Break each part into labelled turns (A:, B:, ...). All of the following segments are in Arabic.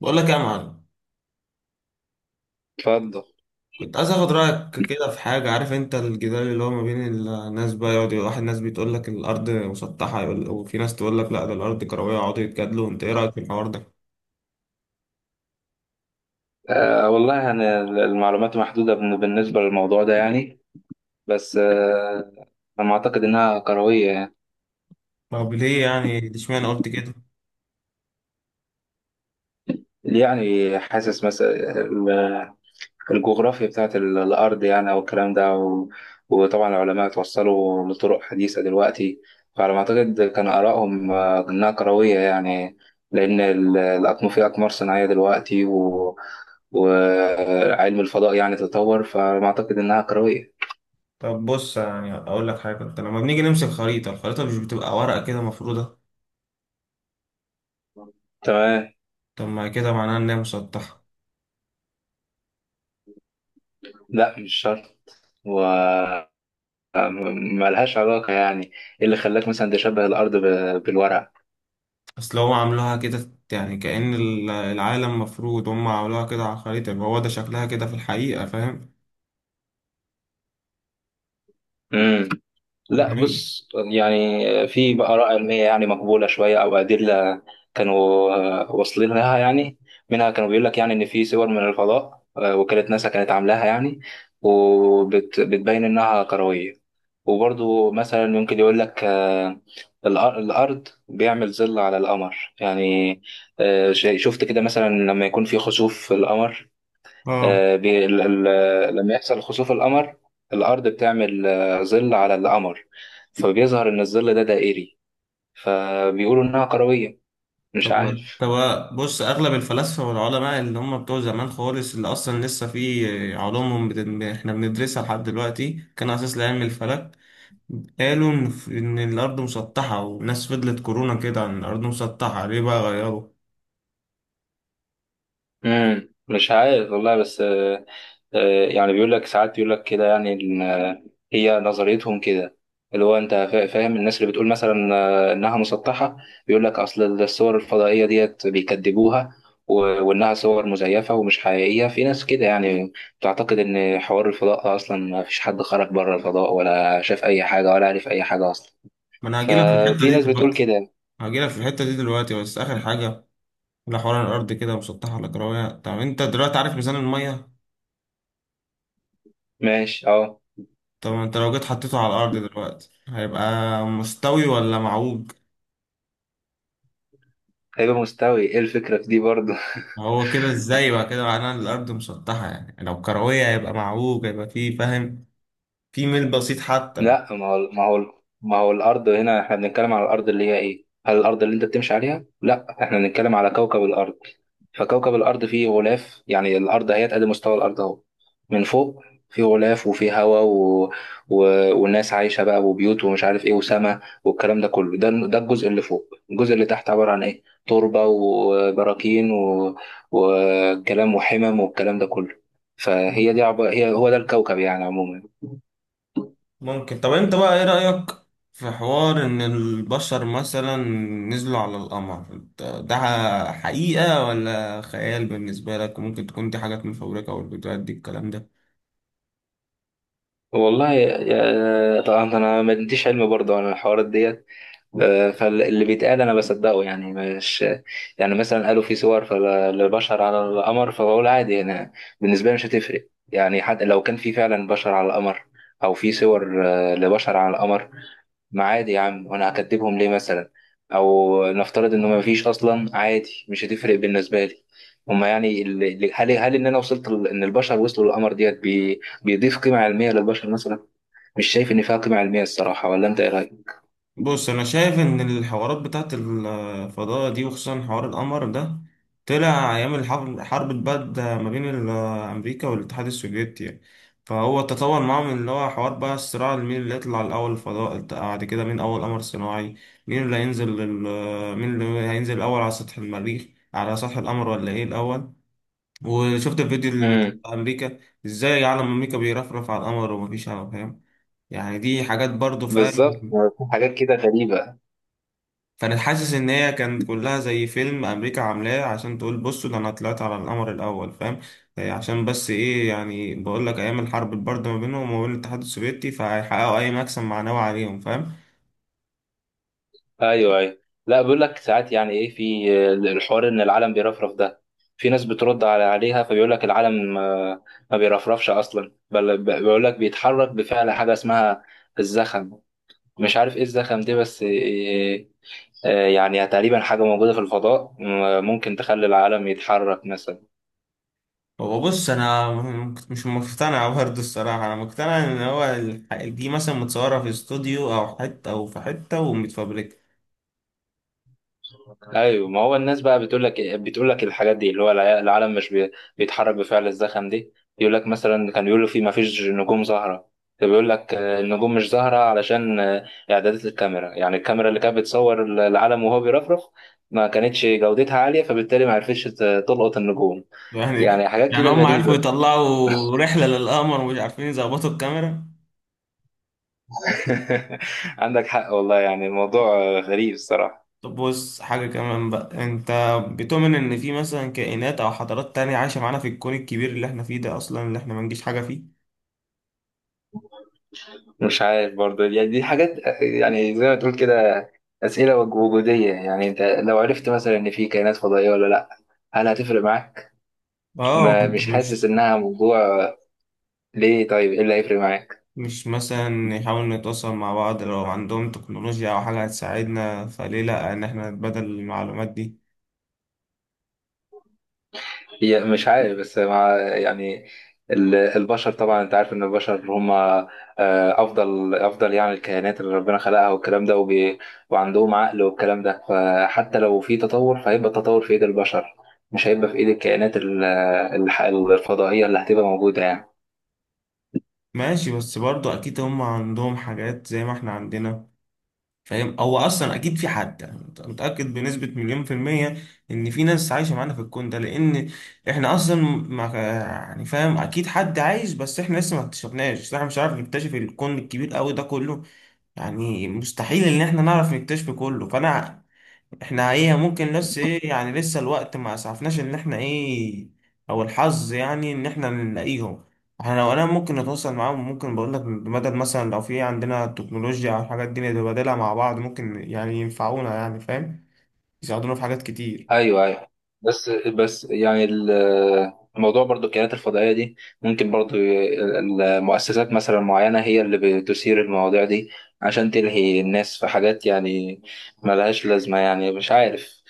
A: بقول لك يا معلم.
B: اتفضل.
A: كنت عايز اخد رايك كده في حاجه. عارف انت الجدال اللي هو ما بين الناس بقى، يقعد واحد ناس بتقول لك الارض مسطحه يقول، وفي ناس تقول لك لا ده الارض كرويه، يقعدوا يتجادلوا، انت ايه رايك في الحوار ده؟
B: والله، المعلومات محدودة بالنسبة للموضوع ده بس أنا أعتقد إنها كروية يعني
A: طب ليه يعني اشمعنى قلت كده؟
B: يعني حاسس مثلا ال- الجغرافيا بتاعت الأرض أو الكلام ده وطبعا العلماء توصلوا لطرق حديثة دلوقتي، فعلى ما أعتقد كان آرائهم، إنها كروية يعني. لأن في أقمار صناعية دلوقتي وعلم الفضاء يعني تطور، فعلى ما أعتقد إنها كروية.
A: طب بص، يعني اقول لك حاجه، انت لما بنيجي نمسك خريطه، الخريطه مش بتبقى ورقه كده مفروده؟
B: تمام.
A: طب ما كده معناها ان هي مسطحه.
B: لا، مش شرط، وملهاش علاقة يعني. ايه اللي خلاك مثلا تشبه الأرض بالورقة؟
A: اصل هم عاملوها كده، يعني كأن العالم مفروض، هم عملوها كده على الخريطه، يبقى هو ده شكلها كده في الحقيقه، فاهم.
B: امم. لا
A: مهم.
B: بص، يعني في آراء علمية يعني مقبولة شوية أو أدلة كانوا، واصلين لها يعني. منها كانوا بيقول لك يعني إن في صور من الفضاء، وكالة ناسا كانت عاملاها يعني، وبتبين إنها كروية. وبرضو مثلا ممكن يقول لك، الأر- الأرض بيعمل ظل على القمر يعني. شفت كده مثلا لما يكون في خسوف في القمر.
A: اه.
B: آه، بي- ال- لما يحصل خسوف القمر، الأرض بتعمل، ظل على القمر، فبيظهر إن الظل ده دائري، فبيقولوا إنها كروية. مش
A: طب ما-
B: عارف.
A: طب بص، اغلب الفلاسفه والعلماء اللي هم بتوع زمان خالص، اللي اصلا لسه في علومهم احنا بندرسها لحد دلوقتي، كان اساس لعلم الفلك. قالوا ان إن الارض مسطحه، والناس فضلت كورونا كده عن الارض مسطحه، ليه بقى غيروا؟
B: امم، مش عارف والله، بس يعني بيقول لك ساعات، بيقول لك كده يعني إن، هي نظريتهم كده، اللي هو انت فاهم، الناس اللي بتقول مثلا، انها مسطحه، بيقول لك اصل الصور الفضائيه ديت بيكذبوها، وانها صور مزيفه ومش حقيقيه. في ناس كده يعني بتعتقد ان حوار الفضاء اصلا ما فيش حد خرج بره الفضاء، ولا شاف اي حاجه، ولا عرف اي حاجه اصلا.
A: ما انا هجيلك في الحته
B: ففي
A: دي
B: ناس بتقول
A: دلوقتي.
B: كده.
A: هجيلك في الحته دي دلوقتي بس اخر حاجه، لحوار الارض كده مسطحه ولا كرويه. طب انت دلوقتي عارف ميزان الميه،
B: ماشي، اه.
A: طب انت لو جيت حطيته على الارض دلوقتي هيبقى مستوي ولا معوج؟
B: هيبقى مستوي. ايه الفكره في دي برضه؟
A: هو كده ازاي بقى، كده معناها إن الارض مسطحه، يعني لو كرويه هيبقى معوج، هيبقى فيه، فاهم؟ في ميل بسيط حتى.
B: لا، ما هو ما هو، الارض هنا احنا بنتكلم على الارض اللي هي ايه، هل الارض اللي انت بتمشي عليها؟ لا، احنا بنتكلم على كوكب الارض. فكوكب الارض فيه غلاف يعني، الارض اهي، ادي مستوى الارض اهو، من فوق فيه غلاف، وفيه هواء و... والناس عايشه بقى، وبيوت، ومش عارف ايه، وسماء، والكلام ده كله، ده ده الجزء اللي فوق. الجزء اللي تحت عباره عن ايه، تربه، وبراكين، وكلام، وحمم، والكلام ده كله. فهي دي عب... هي هو ده الكوكب يعني عموما.
A: ممكن. طب انت بقى ايه رايك في حوار ان البشر مثلا نزلوا على القمر؟ انت ده حقيقه ولا خيال بالنسبه لك؟ وممكن تكون دي حاجات مفبركه، والفيديوهات دي الكلام ده.
B: والله طبعا انا ما عنديش علم برضه عن الحوارات ديت، فاللي بيتقال انا بصدقه يعني، مش يعني، مثلا قالوا في صور، فالبشر على القمر، فبقول عادي، انا بالنسبه لي مش هتفرق يعني. حتى لو كان في فعلا بشر على القمر، او في صور، لبشر على القمر، ما عادي يا عم، وانا هكدبهم ليه مثلا؟ او نفترض انه ما فيش اصلا، عادي، مش هتفرق بالنسبه لي. هما يعني هل هل انا وصلت ان البشر وصلوا للقمر ديت بيضيف قيمه علميه للبشر مثلا؟ مش شايف ان فيها قيمه علميه الصراحه، ولا انت ايه رايك؟
A: بص، انا شايف ان الحوارات بتاعت الفضاء دي، وخصوصا حوار القمر ده، طلع ايام الحرب، حرب البرد ما بين امريكا والاتحاد السوفيتي يعني. فهو تطور معاهم، اللي هو حوار بقى الصراع مين اللي يطلع الاول الفضاء، بعد كده مين اول قمر صناعي، مين اللي هينزل الاول على سطح المريخ، على سطح القمر، ولا ايه الاول. وشفت الفيديو اللي نزل
B: امم.
A: بتاع امريكا، ازاي علم امريكا بيرفرف على القمر ومفيش علم، فاهم؟ يعني دي حاجات برضو،
B: بالظبط،
A: فاهم.
B: في حاجات كده غريبه.
A: كانت حاسس ان هي كانت كلها زي فيلم امريكا عاملاه، عشان تقول بصوا ده انا طلعت على القمر الاول، فاهم؟ عشان بس ايه، يعني بقول لك ايام الحرب البارده ما بينهم وما بين الاتحاد السوفيتي، فهيحققوا اي مكسب معنوي عليهم، فاهم؟
B: ايوه، ايوه. لا، بيقول لك ساعات يعني ايه، في الحوار ان العالم بيرفرف ده، في ناس بترد على عليها، فبيقول لك العالم، ما بيرفرفش اصلا، بل بيقول لك بيتحرك بفعل حاجه اسمها الزخم، مش عارف ايه الزخم دي، بس يعني تقريبا حاجه موجوده في الفضاء، ممكن تخلي العالم يتحرك مثلا.
A: هو بص، انا مش مقتنع برضه الصراحه، انا مقتنع ان هو دي مثلا متصوره في استوديو او حته، او في حته ومتفبركه.
B: ايوه، ما هو الناس بقى بتقول لك إيه، بتقول لك الحاجات دي، اللي هو العالم مش بيتحرك بفعل الزخم دي. يقول لك مثلا كان بيقولوا في ما فيش نجوم زهره، بيقول لك، النجوم مش زهره علشان، اعدادات الكاميرا، يعني الكاميرا اللي كانت بتصور العالم وهو بيرفرف ما كانتش جودتها عاليه، فبالتالي ما عرفتش تلقط النجوم.
A: يعني
B: يعني حاجات
A: يعني
B: كده
A: هم عرفوا
B: غريبه.
A: يطلعوا رحله للقمر ومش عارفين يظبطوا الكاميرا؟
B: عندك حق والله، يعني الموضوع، غريب الصراحه.
A: طب بص، حاجة كمان بقى. انت بتؤمن ان في مثلا كائنات او حضارات تانية عايشة معانا في الكون الكبير اللي احنا فيه ده اصلا، اللي احنا ما نجيش حاجة فيه؟
B: مش عارف برضه، يعني دي حاجات يعني زي ما تقول كده أسئلة وجودية يعني. أنت لو عرفت مثلا إن في كائنات فضائية ولا لأ، هل هتفرق معاك؟
A: اه.
B: ما
A: انت
B: مش حاسس
A: مش،
B: إنها موضوع. ليه طيب، إيه اللي هيفرق معاك؟
A: مثلا نحاول نتواصل مع بعض، لو عندهم تكنولوجيا او حاجة هتساعدنا، فليه لا ان احنا نتبادل المعلومات دي؟
B: هي مش عارف، بس مع يعني، البشر طبعا، انت عارف ان البشر هم، افضل يعني الكائنات اللي ربنا خلقها والكلام ده، وبي، وعندهم عقل والكلام ده، فحتى لو في تطور فهيبقى التطور في ايد البشر، مش هيبقى في ايد الكائنات الفضائية اللي هتبقى موجودة يعني.
A: ماشي، بس برضو اكيد هم عندهم حاجات زي ما احنا عندنا، فاهم. هو اصلا اكيد في حد، يعني أنت متاكد بنسبه مليون في الميه ان في ناس عايشه معانا في الكون ده؟ لان احنا اصلا ما يعني، فاهم، اكيد حد عايش، بس احنا لسه ما اكتشفناش، احنا مش عارف نكتشف الكون الكبير قوي ده كله، يعني مستحيل ان احنا نعرف نكتشفه كله. فانا احنا ايه، ممكن، بس ايه، يعني لسه الوقت ما اسعفناش ان احنا ايه، او الحظ يعني ان احنا نلاقيهم. احنا لو انا ممكن نتواصل معاهم، ممكن بقول لك بمدد مثلا، لو في عندنا تكنولوجيا او حاجات دي نتبادلها مع بعض، ممكن يعني ينفعونا، يعني فاهم، يساعدونا في حاجات كتير.
B: ايوه، ايوه. بس يعني الموضوع برضو، الكائنات الفضائيه دي، ممكن برضو المؤسسات مثلا معينه هي اللي بتثير المواضيع دي، عشان تلهي الناس في حاجات يعني ملهاش لازمه، يعني مش عارف،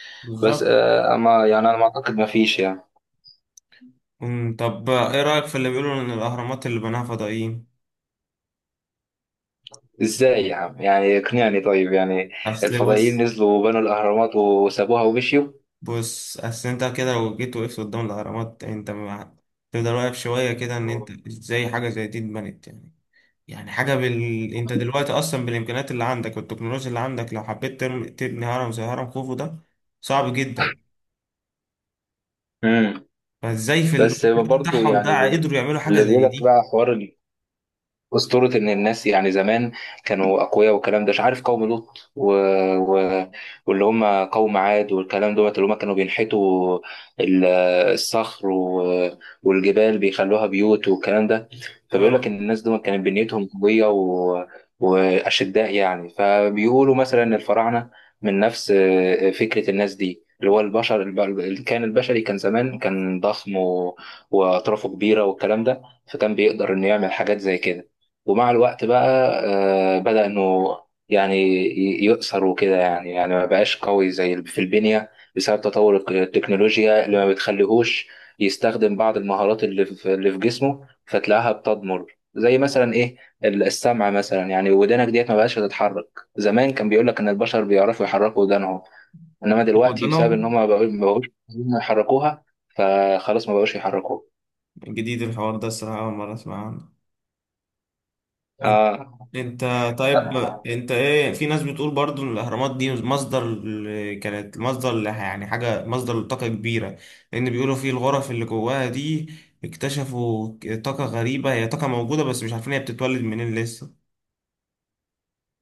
B: بس
A: بالظبط.
B: اما يعني انا ما اعتقد ما فيش يعني.
A: أمم، طب ايه رأيك في اللي بيقولوا ان الاهرامات اللي بناها فضائيين؟
B: ازاي يا عم، يعني اقنعني طيب، يعني
A: اصل بص
B: الفضائيين نزلوا وبنوا الاهرامات وسابوها ومشيوا؟
A: بص اصل انت كده لو جيت وقفت قدام الاهرامات، انت ما- تفضل واقف شوية كده، ان انت ازاي حاجة زي دي اتبنت يعني؟ يعني حاجة انت دلوقتي اصلا بالامكانيات اللي عندك والتكنولوجيا اللي عندك، لو حبيت تبني هرم زي هرم خوفو ده، صعب جدا.
B: امم.
A: فازاي في الوقت
B: بس
A: ده
B: برضو
A: بتاعهم
B: يعني
A: ده قدروا يعملوا حاجة
B: اللي بيقول
A: زي
B: لك
A: دي؟
B: بقى، حوار أسطورة إن الناس يعني زمان كانوا أقوياء والكلام ده، مش عارف قوم لوط و... واللي هم قوم عاد والكلام دوت، اللي هم كانوا بينحتوا ال- الصخر والجبال بيخلوها بيوت والكلام ده، فبيقول لك
A: اه.
B: إن الناس دول كانت بنيتهم قوية وأشداء يعني. فبيقولوا مثلا إن الفراعنة من نفس فكرة الناس دي، اللي هو البشر كان البشري كان زمان كان ضخم وأطرافه كبيرة والكلام ده، فكان بيقدر إنه يعمل حاجات زي كده. ومع الوقت بقى، بدأ إنه يعني يؤثر وكده، يعني يعني ما بقاش قوي زي في البنية، بسبب تطور التكنولوجيا اللي ما بتخليهوش يستخدم بعض المهارات اللي في اللي في جسمه، فتلاقيها بتضمر، زي مثلا إيه، السمع مثلا يعني، ودانك ديت ما بقاش تتحرك. زمان كان بيقول لك إن البشر بيعرفوا يحركوا ودانهم، إنما دلوقتي بسبب
A: قدرنا
B: إن هم ما بقوش عايزين يحركوها، فخلاص ما بقوش يحركوها.
A: جديد الحوار ده الصراحة، أول مرة أسمعه. انت انت طيب انت ايه، في ناس بتقول برضو ان الاهرامات دي مصدر يعني حاجه مصدر لطاقه كبيره، لان بيقولوا في الغرف اللي جواها دي اكتشفوا طاقه غريبه، هي طاقه موجوده بس مش عارفين هي بتتولد منين لسه،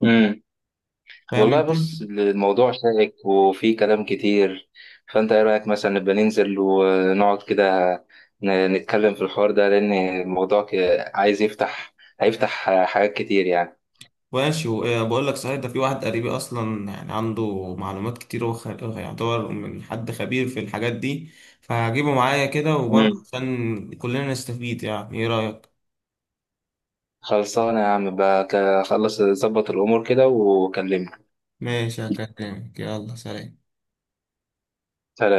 B: آه.
A: فاهم
B: والله
A: انت؟
B: بص، الموضوع شائك وفيه كلام كتير، فانت ايه رأيك مثلا نبقى ننزل ونقعد كده، نتكلم في الحوار ده، لان الموضوع عايز يفتح، هيفتح حاجات كتير يعني.
A: ماشي. بقول لك صحيح، ده في واحد قريبي اصلا يعني عنده معلومات كتير، يعتبر من حد خبير في الحاجات دي، فهجيبه معايا كده وبرضه
B: مم.
A: عشان كلنا نستفيد، يعني ايه رايك؟
B: خلصانة يا عم بقى، خلص ظبط الامور كده وكلمني.
A: ماشي، هكلمك. يلا سلام.
B: سلام.